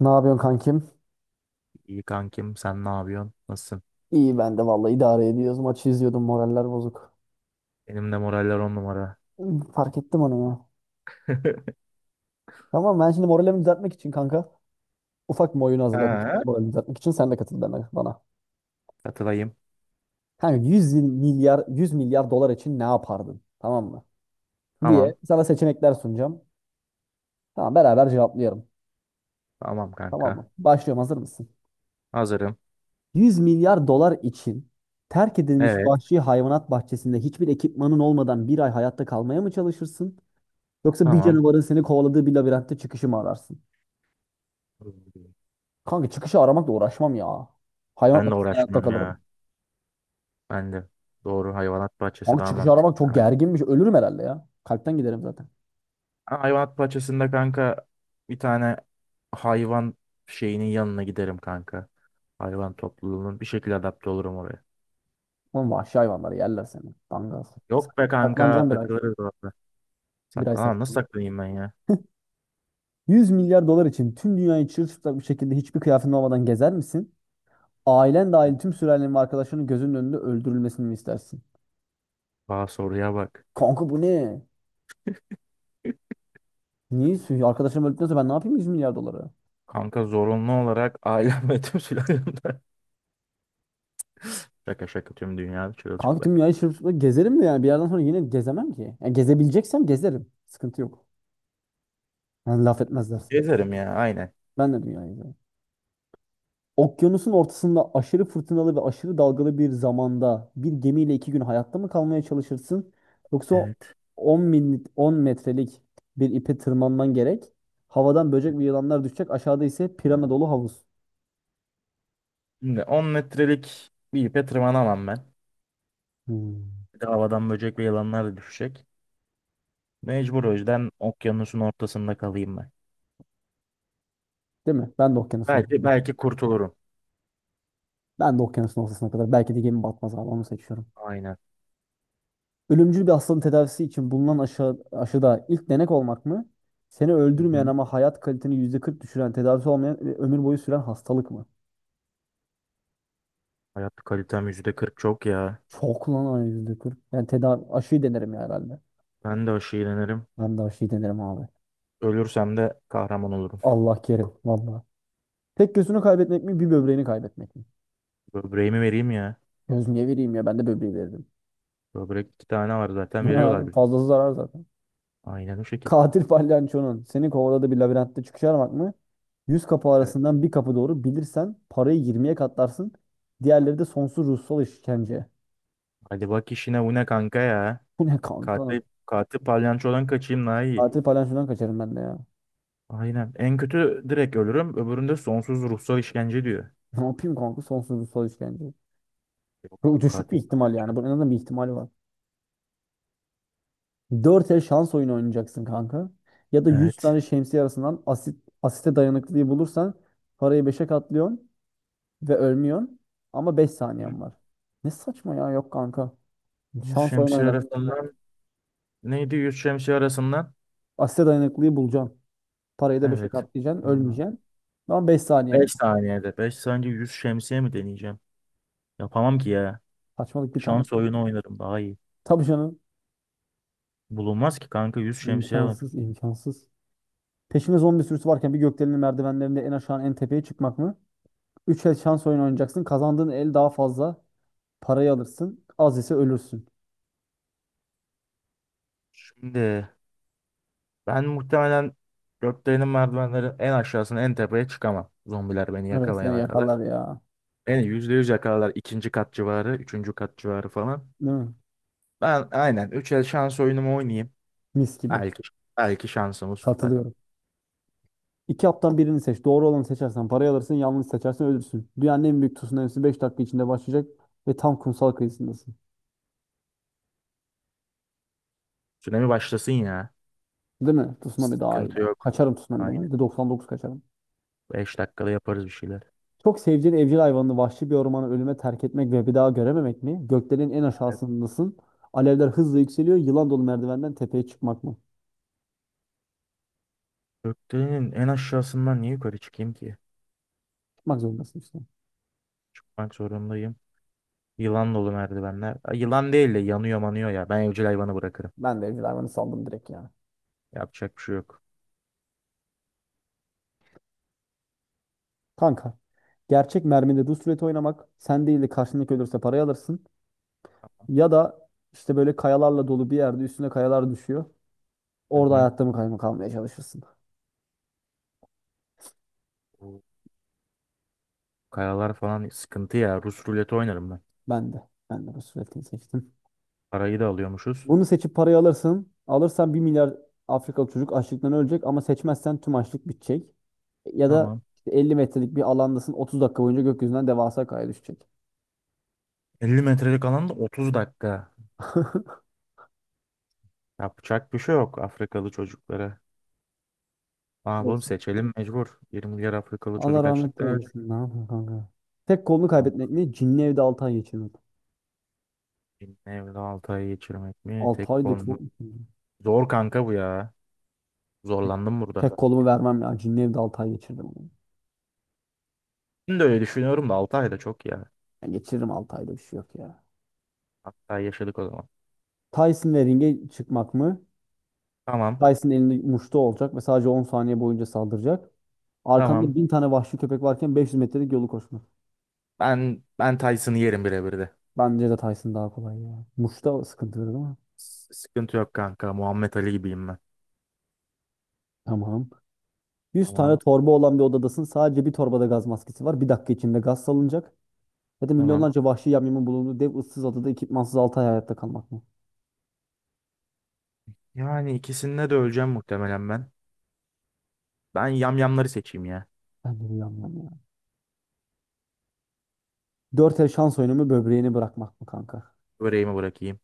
Ne yapıyorsun kankim? İyi kankim, sen ne yapıyorsun? Nasılsın? İyi ben de vallahi idare ediyoruz. Maçı izliyordum moraller bozuk. Benim de moraller 10 numara. Fark ettim onu ya. Tamam ben şimdi moralimi düzeltmek için kanka ufak bir oyun hazırladım Ha, kendi moralimi düzeltmek için. Sen de katıl bana. katılayım. Kanka 100 milyar 100 milyar dolar için ne yapardın? Tamam mı? Diye Tamam. sana seçenekler sunacağım. Tamam beraber cevaplayalım. Tamam Tamam kanka. mı? Başlıyorum hazır mısın? Hazırım. 100 milyar dolar için terk edilmiş Evet. vahşi hayvanat bahçesinde hiçbir ekipmanın olmadan bir ay hayatta kalmaya mı çalışırsın? Yoksa bir Tamam. canavarın seni kovaladığı bir labirentte çıkışı mı ararsın? Kanka çıkışı aramakla uğraşmam ya. Hayvan Ben de bahçesinde hayatta uğraşmam ya. kalırım. Ben de. Doğru, hayvanat bahçesi Kanka daha çıkışı mantıklı aramak çok kanka. gerginmiş. Ölürüm herhalde ya. Kalpten giderim zaten. Ha, hayvanat bahçesinde kanka bir tane hayvan şeyinin yanına giderim kanka. Hayvan topluluğunun bir şekilde adapte olurum oraya. Oğlum vahşi hayvanları yerler seni. Dangaz. Yok be kanka, Saklanacağım bir ay. takılırız orada. Bir ay Saklan. Nasıl saklan. saklanayım ben ya? 100 milyar dolar için tüm dünyayı çırılçıplak bir şekilde hiçbir kıyafetin olmadan gezer misin? Ailen dahil tüm sülalenin ve arkadaşlarının gözünün önünde öldürülmesini mi istersin? Aa, soruya bak. Kanka bu ne? Niye? Arkadaşlarım öldükten sonra ben ne yapayım 100 milyar doları? Kanka zorunlu olarak ailem ve tüm sülalemden. Şaka şaka tüm dünya Kanka tüm çırılçıplak. dünyayı şırfıkla gezerim mi yani? Bir yerden sonra yine gezemem ki. Yani gezebileceksem gezerim. Sıkıntı yok. Yani laf etmezlerse. Gezerim ya aynen. Ben de dünyayı gezerim. Okyanusun ortasında aşırı fırtınalı ve aşırı dalgalı bir zamanda bir gemiyle 2 gün hayatta mı kalmaya çalışırsın? Yoksa Evet. 10 metrelik bir ipe tırmanman gerek. Havadan böcek ve yılanlar düşecek. Aşağıda ise pirana dolu havuz. Şimdi 10 metrelik bir ipe tırmanamam ben. Hmm. Bir de havadan böcek ve yılanlar da düşecek. Mecbur o yüzden okyanusun ortasında kalayım ben. Değil mi? Ben de okyanusun Belki ortasına. belki kurtulurum. Ben de okyanusun ortasına kadar. Belki de gemi batmaz abi. Onu seçiyorum. Aynen. Ölümcül bir hastalığın tedavisi için bulunan aşıda ilk denek olmak mı? Seni Hı öldürmeyen hı. ama hayat kaliteni %40 düşüren, tedavisi olmayan ve ömür boyu süren hastalık mı? Hayat kalitem %40 çok ya. Çok lan ay %40. Yani aşıyı denerim ya herhalde. Ben de aşı iğnelenirim. Ben de aşıyı denerim abi. Ölürsem de kahraman olurum. Allah kerim valla. Tek gözünü kaybetmek mi bir böbreğini kaybetmek mi? Böbreğimi vereyim ya. Göz niye vereyim ya ben de böbreği veririm. Böbrek iki tane var, zaten veriyorlar bile. Fazlası zarar zaten. Aynen o şekil. Katil palyaçonun seni kovaladığı bir labirentte çıkış aramak mı? 100 kapı Evet. arasından bir kapı doğru bilirsen parayı yirmiye katlarsın. Diğerleri de sonsuz ruhsal işkence. Hadi bak işine, bu ne kanka ya. Bu ne kanka? Katil palyançodan kaçayım daha iyi. Katil palyaçodan kaçarım ben de ya. Aynen. En kötü direkt ölürüm. Öbüründe sonsuz ruhsal işkence diyor. Ne yapayım kanka sonsuz ruhsal işkence. Yok, Bu yok, düşük bir katil ihtimal palyanço. yani. Bunun en azından bir ihtimali var. 4 el şans oyunu oynayacaksın kanka. Ya da 100 Evet. tane şemsiye arasından asite dayanıklılığı bulursan parayı beşe katlıyorsun ve ölmüyorsun. Ama beş Hı hı. saniyen var. Ne saçma ya yok kanka. Yüz Şans oyunu şemsiye oynarım daha arasından. iyi. Neydi 100 şemsiye arasından? Asite dayanıklıyı bulacaksın. Parayı da beşe Evet. katlayacaksın. Aynen. Ölmeyeceksin. Ama 5 saniyem var. 5 saniyede. Beş saniye 100 şemsiye mi deneyeceğim? Yapamam ki ya. Saçmalık bir tane. Şans oyunu oynarım daha iyi. Tabii canım. Bulunmaz ki kanka, 100 şemsiye var. İmkansız, imkansız. Peşine zombi sürüsü varken bir gökdelenin merdivenlerinde en aşağı en tepeye çıkmak mı? 3 el şans oyunu oynayacaksın. Kazandığın el daha fazla parayı alırsın. Az ise ölürsün. Şimdi ben muhtemelen gökdelenin merdivenlerin en aşağısına en tepeye çıkamam. Zombiler beni Evet seni yakalayana kadar. yakarlar ya. Beni %100 yakalarlar. İkinci kat civarı, üçüncü kat civarı falan. Değil mi? Ben aynen 3 el şans oyunumu oynayayım. Mis gibi. Belki, belki şansımız tutar. Katılıyorum. İki haptan birini seç. Doğru olanı seçersen parayı alırsın. Yanlış seçersen ölürsün. Dünyanın en büyük tsunamisi 5 dakika içinde başlayacak ve tam kumsal kıyısındasın. Tsunami başlasın ya. Değil mi? Tsunami daha iyi Sıkıntı ya. yok. Kaçarım tsunami'den. Aynen. %99 kaçarım. 5 dakikada yaparız bir şeyler. Çok sevdiğin evcil hayvanını vahşi bir ormana ölüme terk etmek ve bir daha görememek mi? Göklerin en aşağısındasın. Alevler hızla yükseliyor. Yılan dolu merdivenden tepeye çıkmak mı? Gökdelenin en aşağısından niye yukarı çıkayım ki? Çıkmak zorundasın işte. Çıkmak zorundayım. Yılan dolu merdivenler. Ay, yılan değil de yanıyor manıyor ya. Ben evcil hayvanı bırakırım. Ben de evcil hayvanı saldım direkt ya. Yapacak bir şey yok. Kanka. Gerçek mermide rulet oynamak. Sen değil de karşındaki ölürse parayı alırsın. Ya da işte böyle kayalarla dolu bir yerde üstüne kayalar düşüyor. Orada Hı hayatta mı kalmaya çalışırsın. hı. Kayalar falan sıkıntı ya. Rus ruleti oynarım ben. Ben de. Ben de ruletini seçtim. Parayı da alıyormuşuz. Bunu seçip parayı alırsın. Alırsan 1 milyar Afrikalı çocuk açlıktan ölecek ama seçmezsen tüm açlık bitecek. Ya da Tamam. işte 50 metrelik bir alandasın 30 dakika boyunca gökyüzünden devasa kaya düşecek. 50 metrelik alanda 30 dakika. Yapacak bir şey yok Afrikalı çocuklara. Ne yapalım, Olsun. seçelim mecbur. 20 milyar Afrikalı Allah çocuk rahmet açlıktan ölecek. eylesin. Ne yapayım kanka? Tek kolunu Ama kaybetmek mi? Cinli evde 6 ay geçirmek. benim evde 6 ay geçirmek mi? 6 Tek ay da konu. çok. Zor kanka bu ya. Tek, Zorlandım burada. tek kolumu vermem ya. Cinli evde 6 ay geçirdim. Şimdi de öyle düşünüyorum da 6 ay da çok ya. Ben geçiririm 6 ayda bir şey yok ya. 6 ay yaşadık o zaman. Tyson ve ringe çıkmak mı? Tamam. Dyson elinde muşta olacak ve sadece 10 saniye boyunca saldıracak. Arkanda Tamam. 1.000 tane vahşi köpek varken 500 metrelik yolu koşmak. Ben Tyson'ı yerim birebir de. Bence de Tyson daha kolay ya. Muşta sıkıntı değil mi? Sıkıntı yok kanka. Muhammed Ali gibiyim ben. Tamam. 100 Tamam. tane torba olan bir odadasın. Sadece bir torbada gaz maskesi var. Bir dakika içinde gaz salınacak. Ya da Tamam. milyonlarca vahşi yamyamın bulunduğu dev ıssız adada ekipmansız 6 ay hayatta kalmak mı? Yani ikisinde de öleceğim muhtemelen ben. Ben yamyamları seçeyim ya. Ben de bu yamyam ya. 4 el şans oyunu mu böbreğini bırakmak mı kanka? Böreğimi bırakayım.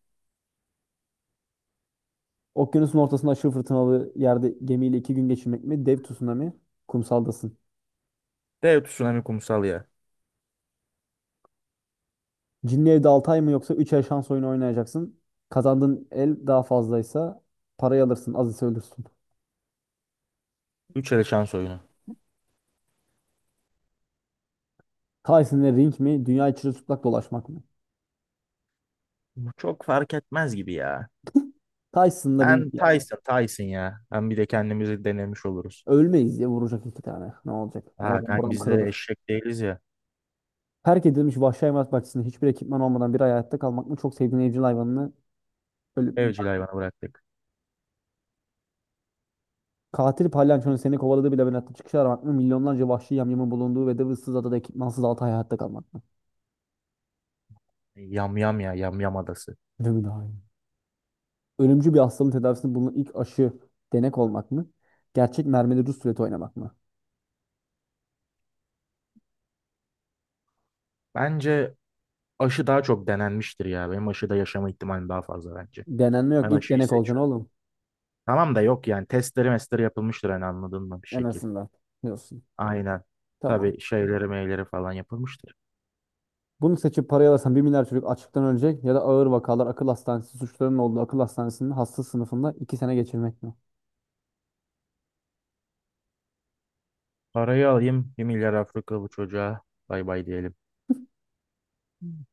Okyanusun ortasında aşırı fırtınalı yerde gemiyle 2 gün geçirmek mi? Dev tsunami kumsaldasın. Dev tsunami kumsal ya. Cinli evde 6 ay mı yoksa 3 ay şans oyunu oynayacaksın. Kazandığın el daha fazlaysa parayı alırsın az ise ölürsün. 3 ele şans oyunu. Tyson'la ring mi? Dünya çırılçıplak dolaşmak mı? Bu çok fark etmez gibi ya. Tyson'la ring Ben ya. Tyson, Tyson ya. Hem bir de kendimizi denemiş oluruz. Ölmeyiz diye vuracak iki tane. Ne olacak? E, Ha, oradan kanka buram biz de kırılır. eşek değiliz ya. Terk edilmiş vahşi hayvanat bahçesinde hiçbir ekipman olmadan bir ay hayatta kalmak mı? Çok sevdiğin evcil hayvanını ölü- Evcil hayvanı bıraktık. Katil palyaçonun seni kovaladığı bir labirentte çıkış aramak mı? Milyonlarca vahşi yamyamın bulunduğu ve de ıssız adada ekipmansız 6 ay hayatta kalmak mı? Yam Yam ya, Yam Yam adası. Değil mi daha iyi? Ölümcül bir hastalığın tedavisinde bulunan ilk aşı denek olmak mı? Gerçek mermili Rus ruleti oynamak mı? Bence aşı daha çok denenmiştir ya. Benim aşıda yaşama ihtimalim daha fazla bence. Denenme Ben yok. İlk aşıyı denek olacaksın seçiyorum. oğlum. Tamam da yok yani, testleri mestleri yapılmıştır hani, anladın mı bir En şekil. azından. Diyorsun. Aynen. Tamam. Tabii şeyleri meyleri falan yapılmıştır. Bunu seçip parayı alırsan 1 milyar çocuk açlıktan ölecek ya da ağır vakalar akıl hastanesi suçlarının olduğu akıl hastanesinin hasta sınıfında 2 sene geçirmek mi? Parayı alayım. 1 milyar Afrika bu çocuğa. Bay bay diyelim.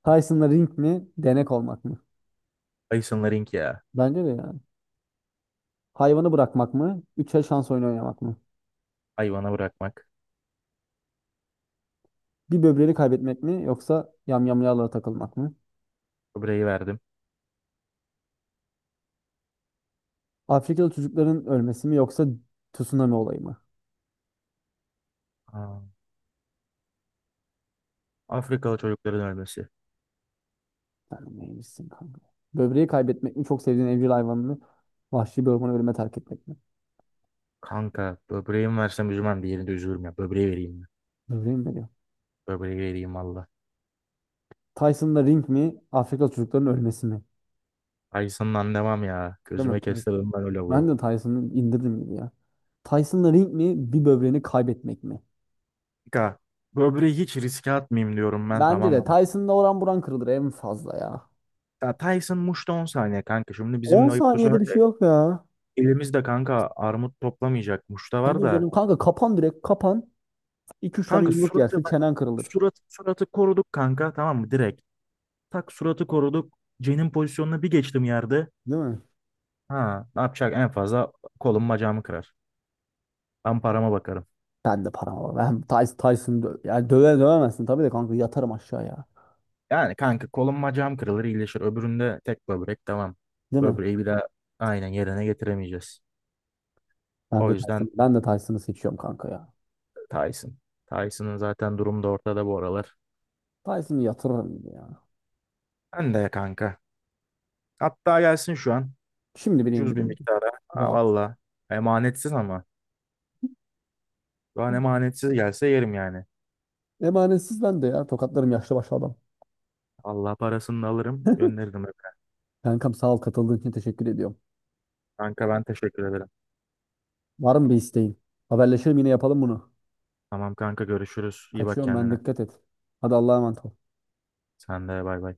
Tyson'la ring mi? Denek olmak mı? Ayısın Laring ya. Bence de yani. Hayvanı bırakmak mı? Üçer şans oyunu oynamak mı? Hayvana bırakmak. Bir böbreğini kaybetmek mi? Yoksa yamyamyalara takılmak mı? Böbreği verdim. Afrikalı çocukların ölmesi mi? Yoksa tsunami olayı mı? Aa, Afrikalı çocukların ölmesi. Vermeymişsin kanka. Böbreği kaybetmek mi? Çok sevdiğin evcil hayvanını vahşi bir ormana ölüme terk etmek mi? Kanka böbreğimi versem üzülmem. Diğerini de üzülürüm ya. Böbreği vereyim mi? Böbreği mi veriyor? Böbreği vereyim valla. Tyson'da ring mi? Afrika çocuklarının ölmesi mi? Ayısından devam ya. Değil mi? Gözüme Tyson? kestirdim ben öyle Ben bu. de Tyson'ı indirdim gibi ya. Tyson'da ring mi? Bir böbreğini kaybetmek mi? Kanka, böbreği hiç riske atmayayım diyorum ben, Bence de tamam mı? Tyson'da oran buran kırılır en fazla ya. Ya Tyson Muş'ta 10 saniye kanka. Şimdi 10 bizimle ayıp da saniyede bir şey söylese. yok ya. Elimizde kanka armut toplamayacak. Muş'ta var Tabii da. canım kanka kapan direkt kapan. İki üç tane Kanka yumruk suratı yersin bak, çenen kırılır. Suratı koruduk kanka, tamam mı, direkt. Tak, suratı koruduk. Cen'in pozisyonuna bir geçtim yerde. Değil mi? Ha, ne yapacak, en fazla kolum bacağımı kırar. Ben parama bakarım. Ben de param var. Ben Tyson'ı yani döve dövemezsin tabii de kanka yatarım aşağıya. Yani kanka kolum bacağım kırılır iyileşir. Öbüründe tek böbrek, tamam. Değil mi? Böbreği bir daha aynen yerine getiremeyeceğiz. O yüzden Ben de Tyson'ı seçiyorum kanka ya. Tyson. Tyson'ın zaten durumu da ortada bu aralar. Tyson'ı yatırırım ya. Ben de kanka. Hatta gelsin şu an. Şimdi bile Cüz bir indiririm. miktara. Ha, Rahat. valla. Emanetsiz ama. Şu an emanetsiz gelse yerim yani. Emanetsiz ben de ya. Tokatlarım yaşlı başlı adam. Allah parasını da alırım, gönderirim evine. Kankam sağ ol katıldığın için teşekkür ediyorum. Kanka ben teşekkür ederim. Var mı bir isteğin? Haberleşelim yine yapalım bunu. Tamam kanka görüşürüz. İyi bak Kaçıyorum ben kendine. dikkat et. Hadi Allah'a emanet ol. Sen de bay bay.